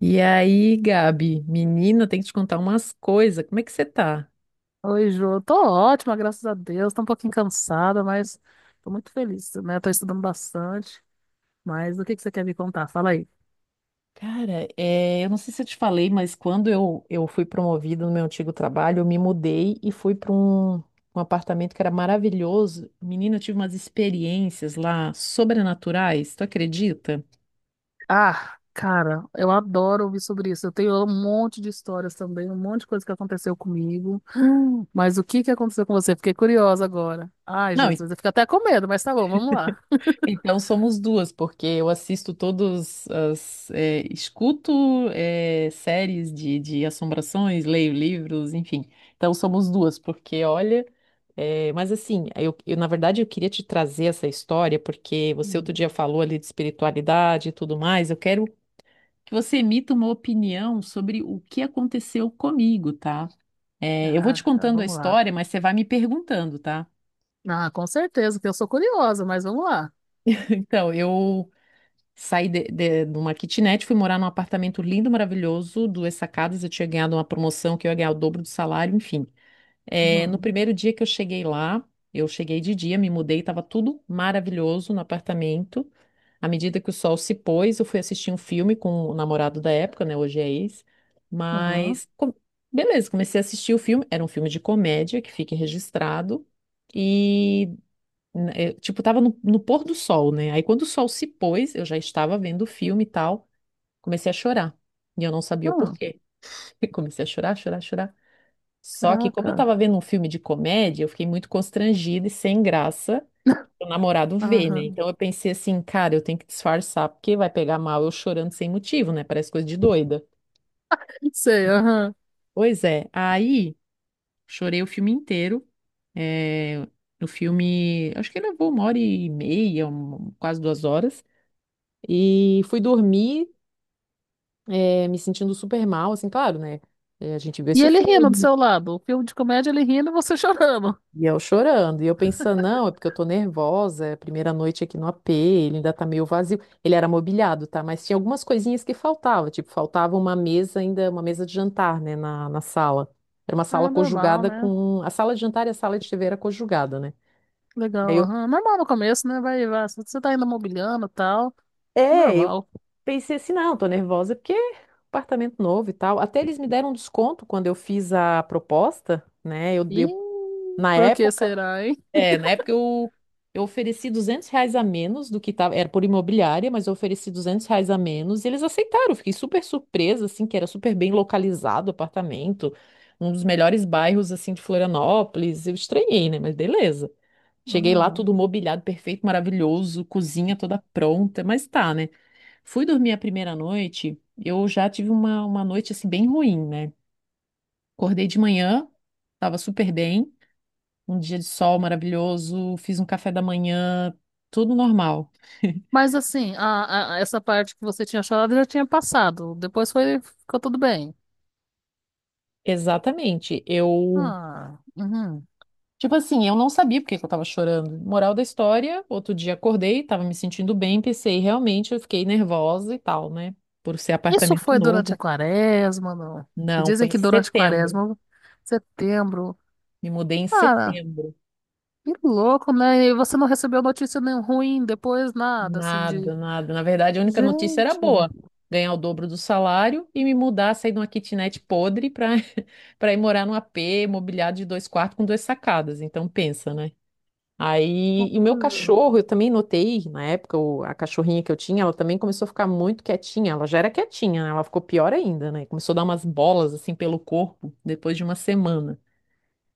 E aí, Gabi, menina, tem que te contar umas coisas. Como é que você tá? Oi, Ju. Tô ótima, graças a Deus. Tô um pouquinho cansada, mas tô muito feliz, né? Tô estudando bastante. Mas o que que você quer me contar? Fala aí. Cara, eu não sei se eu te falei, mas quando eu fui promovida no meu antigo trabalho, eu me mudei e fui para um apartamento que era maravilhoso. Menina, eu tive umas experiências lá sobrenaturais, tu acredita? Ah, cara, eu adoro ouvir sobre isso. Eu tenho um monte de histórias também, um monte de coisa que aconteceu comigo. Mas o que que aconteceu com você? Fiquei curiosa agora. Ai, Não. Jesus, eu fico até com medo, mas tá bom, vamos lá. Então somos duas, porque eu assisto escuto séries de assombrações, leio livros, enfim. Então somos duas, porque olha. Na verdade eu queria te trazer essa história, porque você outro Hum, dia falou ali de espiritualidade e tudo mais. Eu quero que você emita uma opinião sobre o que aconteceu comigo, tá? Eu vou te caraca, contando a vamos lá. história, mas você vai me perguntando, tá? Ah, com certeza, que eu sou curiosa, mas vamos lá. Então, eu saí de uma kitnet, fui morar num apartamento lindo, maravilhoso, duas sacadas. Eu tinha ganhado uma promoção que eu ia ganhar o dobro do salário, enfim. É, no Uhum. primeiro dia que eu cheguei lá, eu cheguei de dia, me mudei, estava tudo maravilhoso no apartamento. À medida que o sol se pôs, eu fui assistir um filme com o namorado da época, né? Hoje é ex. Uhum. Mas, beleza, comecei a assistir o filme. Era um filme de comédia, que fica registrado. E eu, tipo, tava no pôr do sol, né? Aí quando o sol se pôs, eu já estava vendo o filme e tal, comecei a chorar. E eu não sabia o Uhum, porquê. Comecei a chorar, chorar, chorar. Só que como eu caraca. tava vendo um filme de comédia, eu fiquei muito constrangida e sem graça o namorado ver, né? Aham, Então eu pensei assim, cara, eu tenho que disfarçar, porque vai pegar mal eu chorando sem motivo, né? Parece coisa de doida. sei, aham. Pois é, aí chorei o filme inteiro. É, o filme, acho que levou uma hora e meia, quase 2 horas. E fui dormir, me sentindo super mal, assim, claro, né? A gente viu E esse ele rindo do filme seu lado. O filme de comédia, ele rindo e você chorando. e eu chorando. E eu pensando, não, é porque eu tô nervosa, é a primeira noite aqui no AP, ele ainda tá meio vazio. Ele era mobiliado, tá? Mas tinha algumas coisinhas que faltava, tipo, faltava uma mesa ainda, uma mesa de jantar, né, na sala. Era uma sala Ah, normal, conjugada né? com a sala de jantar, e a sala de TV era conjugada, né? E Aí Legal, eu, aham. Normal no começo, né? Vai, vai. Você tá ainda mobiliando e tal. é, eu Normal. pensei assim, não, tô nervosa porque apartamento novo e tal. Até eles me deram um desconto quando eu fiz a proposta, né? Eu, E eu na por que época, será, hein? Eu, ofereci R$ 200 a menos do que tava, era por imobiliária, mas eu ofereci R$ 200 a menos e eles aceitaram. Eu fiquei super surpresa, assim, que era super bem localizado o apartamento, um dos melhores bairros, assim, de Florianópolis. Eu estranhei, né? Mas beleza. Cheguei lá Ah. tudo mobiliado, perfeito, maravilhoso, cozinha toda pronta, mas tá, né? Fui dormir a primeira noite, eu já tive uma noite assim bem ruim, né? Acordei de manhã, tava super bem, um dia de sol maravilhoso, fiz um café da manhã, tudo normal. Mas assim, essa parte que você tinha chorado já tinha passado. Depois foi, ficou tudo bem. Exatamente. Eu, Ah, uhum. tipo assim, eu não sabia por que que eu tava chorando. Moral da história, outro dia acordei, tava me sentindo bem, pensei, realmente eu fiquei nervosa e tal, né? Por ser Isso apartamento foi durante a novo. quaresma, não? E Não, foi dizem em que durante a setembro. quaresma, setembro. Me mudei em Ah. setembro. Que louco, né? E você não recebeu notícia nem ruim depois, nada, assim, de... Nada, nada. Na verdade, a única notícia era Gente, boa. Ganhar o dobro do salário e me mudar, sair de uma kitnet podre para para ir morar num AP mobiliado de 2 quartos com duas sacadas. Então, pensa, né? Aí, e o meu coisa. cachorro, eu também notei, na época, a cachorrinha que eu tinha, ela também começou a ficar muito quietinha. Ela já era quietinha, né? Ela ficou pior ainda, né? Começou a dar umas bolas, assim, pelo corpo, depois de uma semana.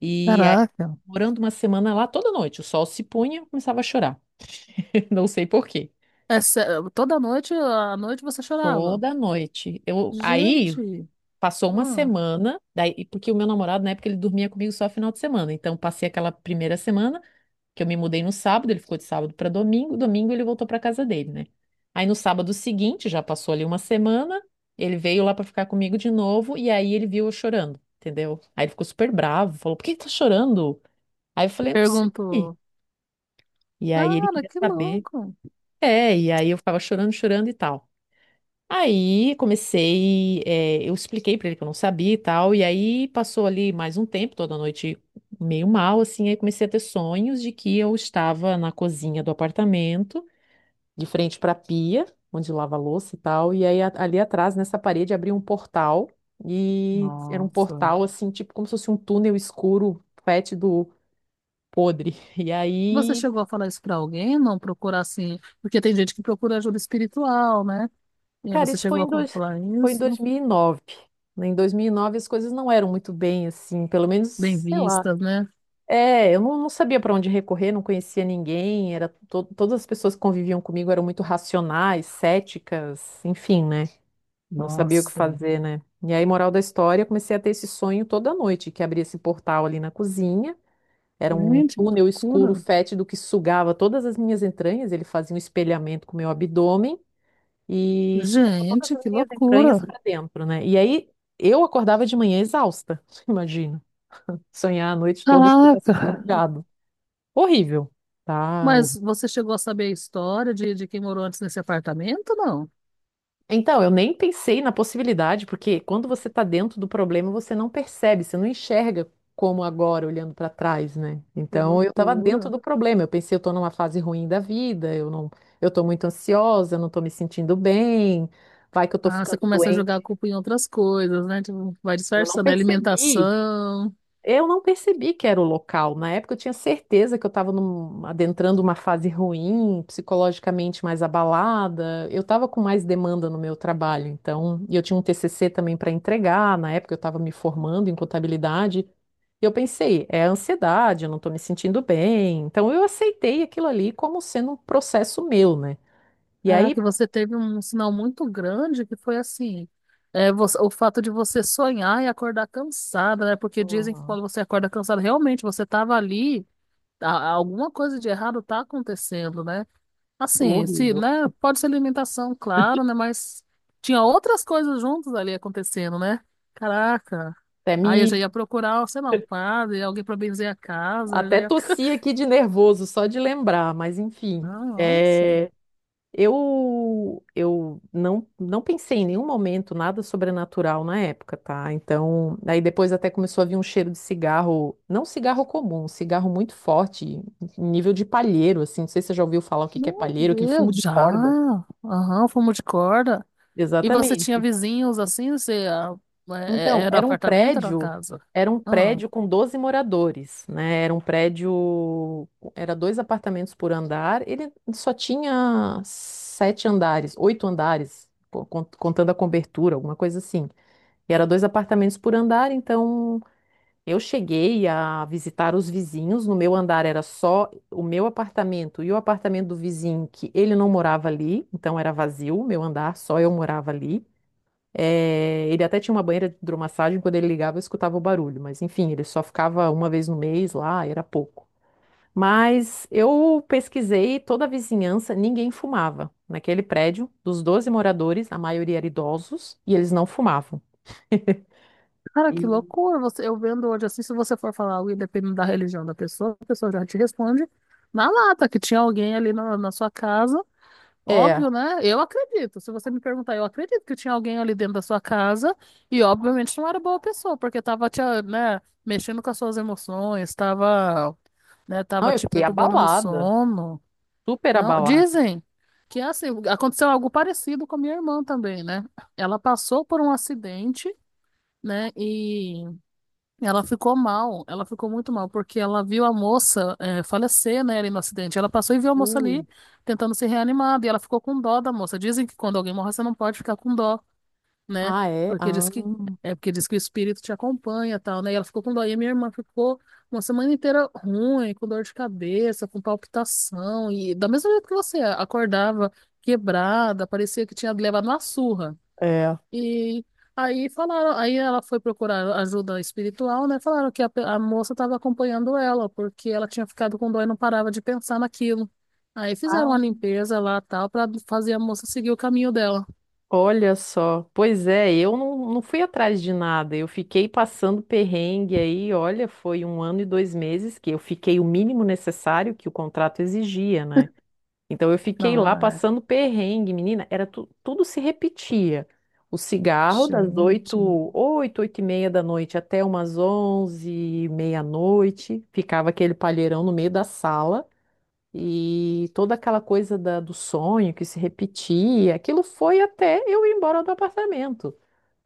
E Caraca. morando uma semana lá, toda noite, o sol se punha, eu começava a chorar. Não sei por quê. É sé- Toda noite, à noite você chorava. Toda noite. Eu, aí Gente, passou uma hum. semana, daí, porque o meu namorado, na época, ele dormia comigo só final de semana. Então, passei aquela primeira semana, que eu me mudei no sábado, ele ficou de sábado para domingo, domingo ele voltou para casa dele, né? Aí no sábado seguinte, já passou ali uma semana, ele veio lá para ficar comigo de novo, e aí ele viu eu chorando, entendeu? Aí ele ficou super bravo, falou: Por que que tá chorando? Aí eu falei: Não sei. Perguntou. E aí ele Cara, queria que saber. louco. É, e aí eu ficava chorando, chorando e tal. Aí comecei, eu expliquei pra ele que eu não sabia e tal, e aí passou ali mais um tempo, toda noite meio mal, assim, aí comecei a ter sonhos de que eu estava na cozinha do apartamento, de frente pra pia, onde lava a louça e tal, e aí ali atrás, nessa parede, abriu um portal, e era um Nossa. portal, assim, tipo como se fosse um túnel escuro, fétido, podre, e Você aí chegou a falar isso pra alguém? Não procurar assim? Porque tem gente que procura ajuda espiritual, né? E aí cara, você isso foi chegou em, a dois, falar foi em isso? 2009. Né? Em 2009 as coisas não eram muito bem assim, pelo menos, Bem sei lá. vistas, né? É, eu não sabia para onde recorrer, não conhecia ninguém, era todas as pessoas que conviviam comigo eram muito racionais, céticas, enfim, né? Não sabia o que Nossa. fazer, né? E aí, moral da história, eu comecei a ter esse sonho toda noite, que abria esse portal ali na cozinha, era um Gente, túnel que escuro, loucura. fétido, que sugava todas as minhas entranhas, ele fazia um espelhamento com o meu abdômen, e sugava todas Gente, as que minhas loucura. entranhas para dentro, né? E aí eu acordava de manhã exausta, imagina. Sonhar a noite toda que você está Caraca! sendo sugado. Horrível, tá? Mas você chegou a saber a história de, quem morou antes nesse apartamento? Não. Então, eu nem pensei na possibilidade, porque quando você está dentro do problema, você não percebe, você não enxerga como agora, olhando para trás, né? Que Então, eu estava dentro loucura. do problema. Eu pensei, eu estou numa fase ruim da vida, eu não, eu estou muito ansiosa, eu não estou me sentindo bem, vai que eu estou Ah, você ficando começa a jogar a doente. culpa em outras coisas, né? Tipo, vai Eu não disfarçando, a percebi alimentação. Eu não percebi que era o local. Na época eu tinha certeza que eu estava adentrando uma fase ruim, psicologicamente mais abalada. Eu estava com mais demanda no meu trabalho, então, e eu tinha um TCC também para entregar. Na época eu estava me formando em contabilidade. E eu pensei, é ansiedade, eu não estou me sentindo bem. Então eu aceitei aquilo ali como sendo um processo meu, né? E Caraca, aí, e você teve um sinal muito grande que foi assim. É, o fato de você sonhar e acordar cansada, né? Porque dizem que uhum. quando você acorda cansada, realmente você estava ali, alguma coisa de errado tá acontecendo, né? Assim, se, Horrível. né? Pode ser alimentação, claro, né? Mas tinha outras coisas juntas ali acontecendo, né? Caraca. até Aí eu já me ia procurar, sei lá, um padre, alguém pra benzer a casa, eu já Até ia ficar. tossi aqui de nervoso só de lembrar, mas enfim. Nossa, É, eu não pensei em nenhum momento nada sobrenatural na época, tá? Então, aí depois até começou a vir um cheiro de cigarro, não cigarro comum, um cigarro muito forte, nível de palheiro, assim. Não sei se você já ouviu falar o que que é meu palheiro, aquele fumo Deus, de já. corda. Aham, fumo de corda. E você tinha Exatamente. vizinhos assim? Você ah, Então, era apartamento, era casa? era um prédio com 12 moradores, né? Era um prédio, era 2 apartamentos por andar. Ele só tinha 7 andares, 8 andares, contando a cobertura, alguma coisa assim. E era 2 apartamentos por andar, então eu cheguei a visitar os vizinhos. No meu andar era só o meu apartamento e o apartamento do vizinho, que ele não morava ali, então era vazio, o meu andar, só eu morava ali. É, ele até tinha uma banheira de hidromassagem, quando ele ligava eu escutava o barulho, mas enfim, ele só ficava uma vez no mês lá, era pouco. Mas eu pesquisei toda a vizinhança, ninguém fumava. Naquele prédio, dos 12 moradores, a maioria era idosos e eles não fumavam. Cara, que E- loucura! Você, eu vendo hoje assim, se você for falar algo e dependendo da religião da pessoa, a pessoa já te responde na lata que tinha alguém ali na, na sua casa. É, Óbvio, né? Eu acredito. Se você me perguntar, eu acredito que tinha alguém ali dentro da sua casa e, obviamente, não era boa pessoa, porque tava te, ah, né, mexendo com as suas emoções, tava, né, tava não, eu te fiquei perturbando no abalada, sono. super Não, abalada. dizem que assim, aconteceu algo parecido com a minha irmã também, né? Ela passou por um acidente, né? E ela ficou mal, ela ficou muito mal, porque ela viu a moça falecer, né, ali no acidente. Ela passou e viu a moça ali Ui. tentando ser reanimada, e ela ficou com dó da moça. Dizem que quando alguém morre, você não pode ficar com dó, né? Ah, é? Porque Ah, diz que é porque diz que o espírito te acompanha e tal, né? E ela ficou com dó. E a minha irmã ficou uma semana inteira ruim, com dor de cabeça, com palpitação, e da mesma jeito que você acordava quebrada, parecia que tinha levado uma surra. é. E aí falaram, aí ela foi procurar ajuda espiritual, né? Falaram que a moça estava acompanhando ela, porque ela tinha ficado com dor e não parava de pensar naquilo. Aí fizeram uma limpeza lá, tal, para fazer a moça seguir o caminho dela. Olha só, pois é, eu não fui atrás de nada, eu fiquei passando perrengue aí, olha, foi um ano e 2 meses que eu fiquei o mínimo necessário que o contrato exigia, né? Então eu fiquei Não, lá é, passando perrengue, menina, era tudo se repetia. O cigarro das gente. Oito e meia da noite até umas onze, meia-noite, ficava aquele palheirão no meio da sala. E toda aquela coisa do sonho que se repetia, aquilo foi até eu ir embora do apartamento.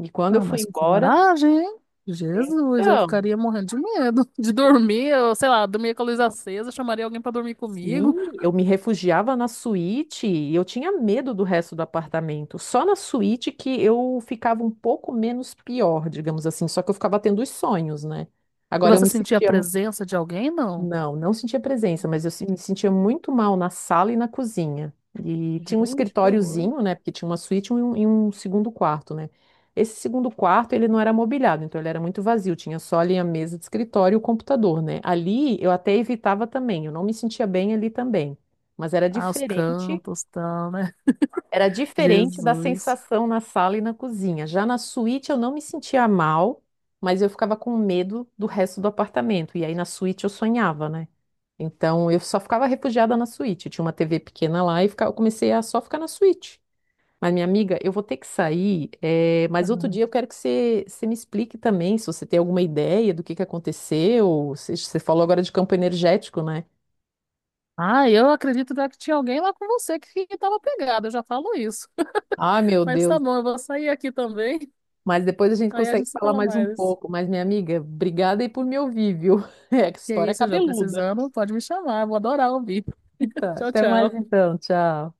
E quando eu Não, fui mas embora, coragem, hein? Jesus, eu então, ficaria morrendo de medo de dormir, eu, sei lá, dormir com a luz acesa, chamaria alguém para dormir sim, comigo. eu me refugiava na suíte e eu tinha medo do resto do apartamento. Só na suíte que eu ficava um pouco menos pior, digamos assim, só que eu ficava tendo os sonhos, né? E Agora eu você me sentia a sentia. presença de alguém? Não. Não, não sentia presença, mas eu me sentia muito mal na sala e na cozinha. E tinha um Gente, que horror. escritóriozinho, né? Porque tinha uma suíte e um segundo quarto, né? Esse segundo quarto, ele não era mobiliado, então ele era muito vazio. Tinha só ali a mesa de escritório e o computador, né? Ali eu até evitava também, eu não me sentia bem ali também. Mas Ah, os cantos, tal, né? era diferente da Jesus. sensação na sala e na cozinha. Já na suíte eu não me sentia mal, mas eu ficava com medo do resto do apartamento. E aí na suíte eu sonhava, né? Então eu só ficava refugiada na suíte. Tinha uma TV pequena lá e eu comecei a só ficar na suíte. Mas, minha amiga, eu vou ter que sair, mas outro dia eu quero que você me explique também se você tem alguma ideia do que aconteceu. Você falou agora de campo energético, né? Ah, eu acredito né, que tinha alguém lá com você que tava pegado, eu já falo isso. Ai, meu Mas tá Deus. bom, eu vou sair aqui também. Mas depois a gente Aí a consegue gente se falar fala mais um mais. pouco. Mas, minha amiga, obrigada aí por me ouvir, viu? É, que Que é história isso, João, cabeluda. precisando, pode me chamar, vou adorar ouvir. Tá, Tchau, até mais tchau. então, tchau.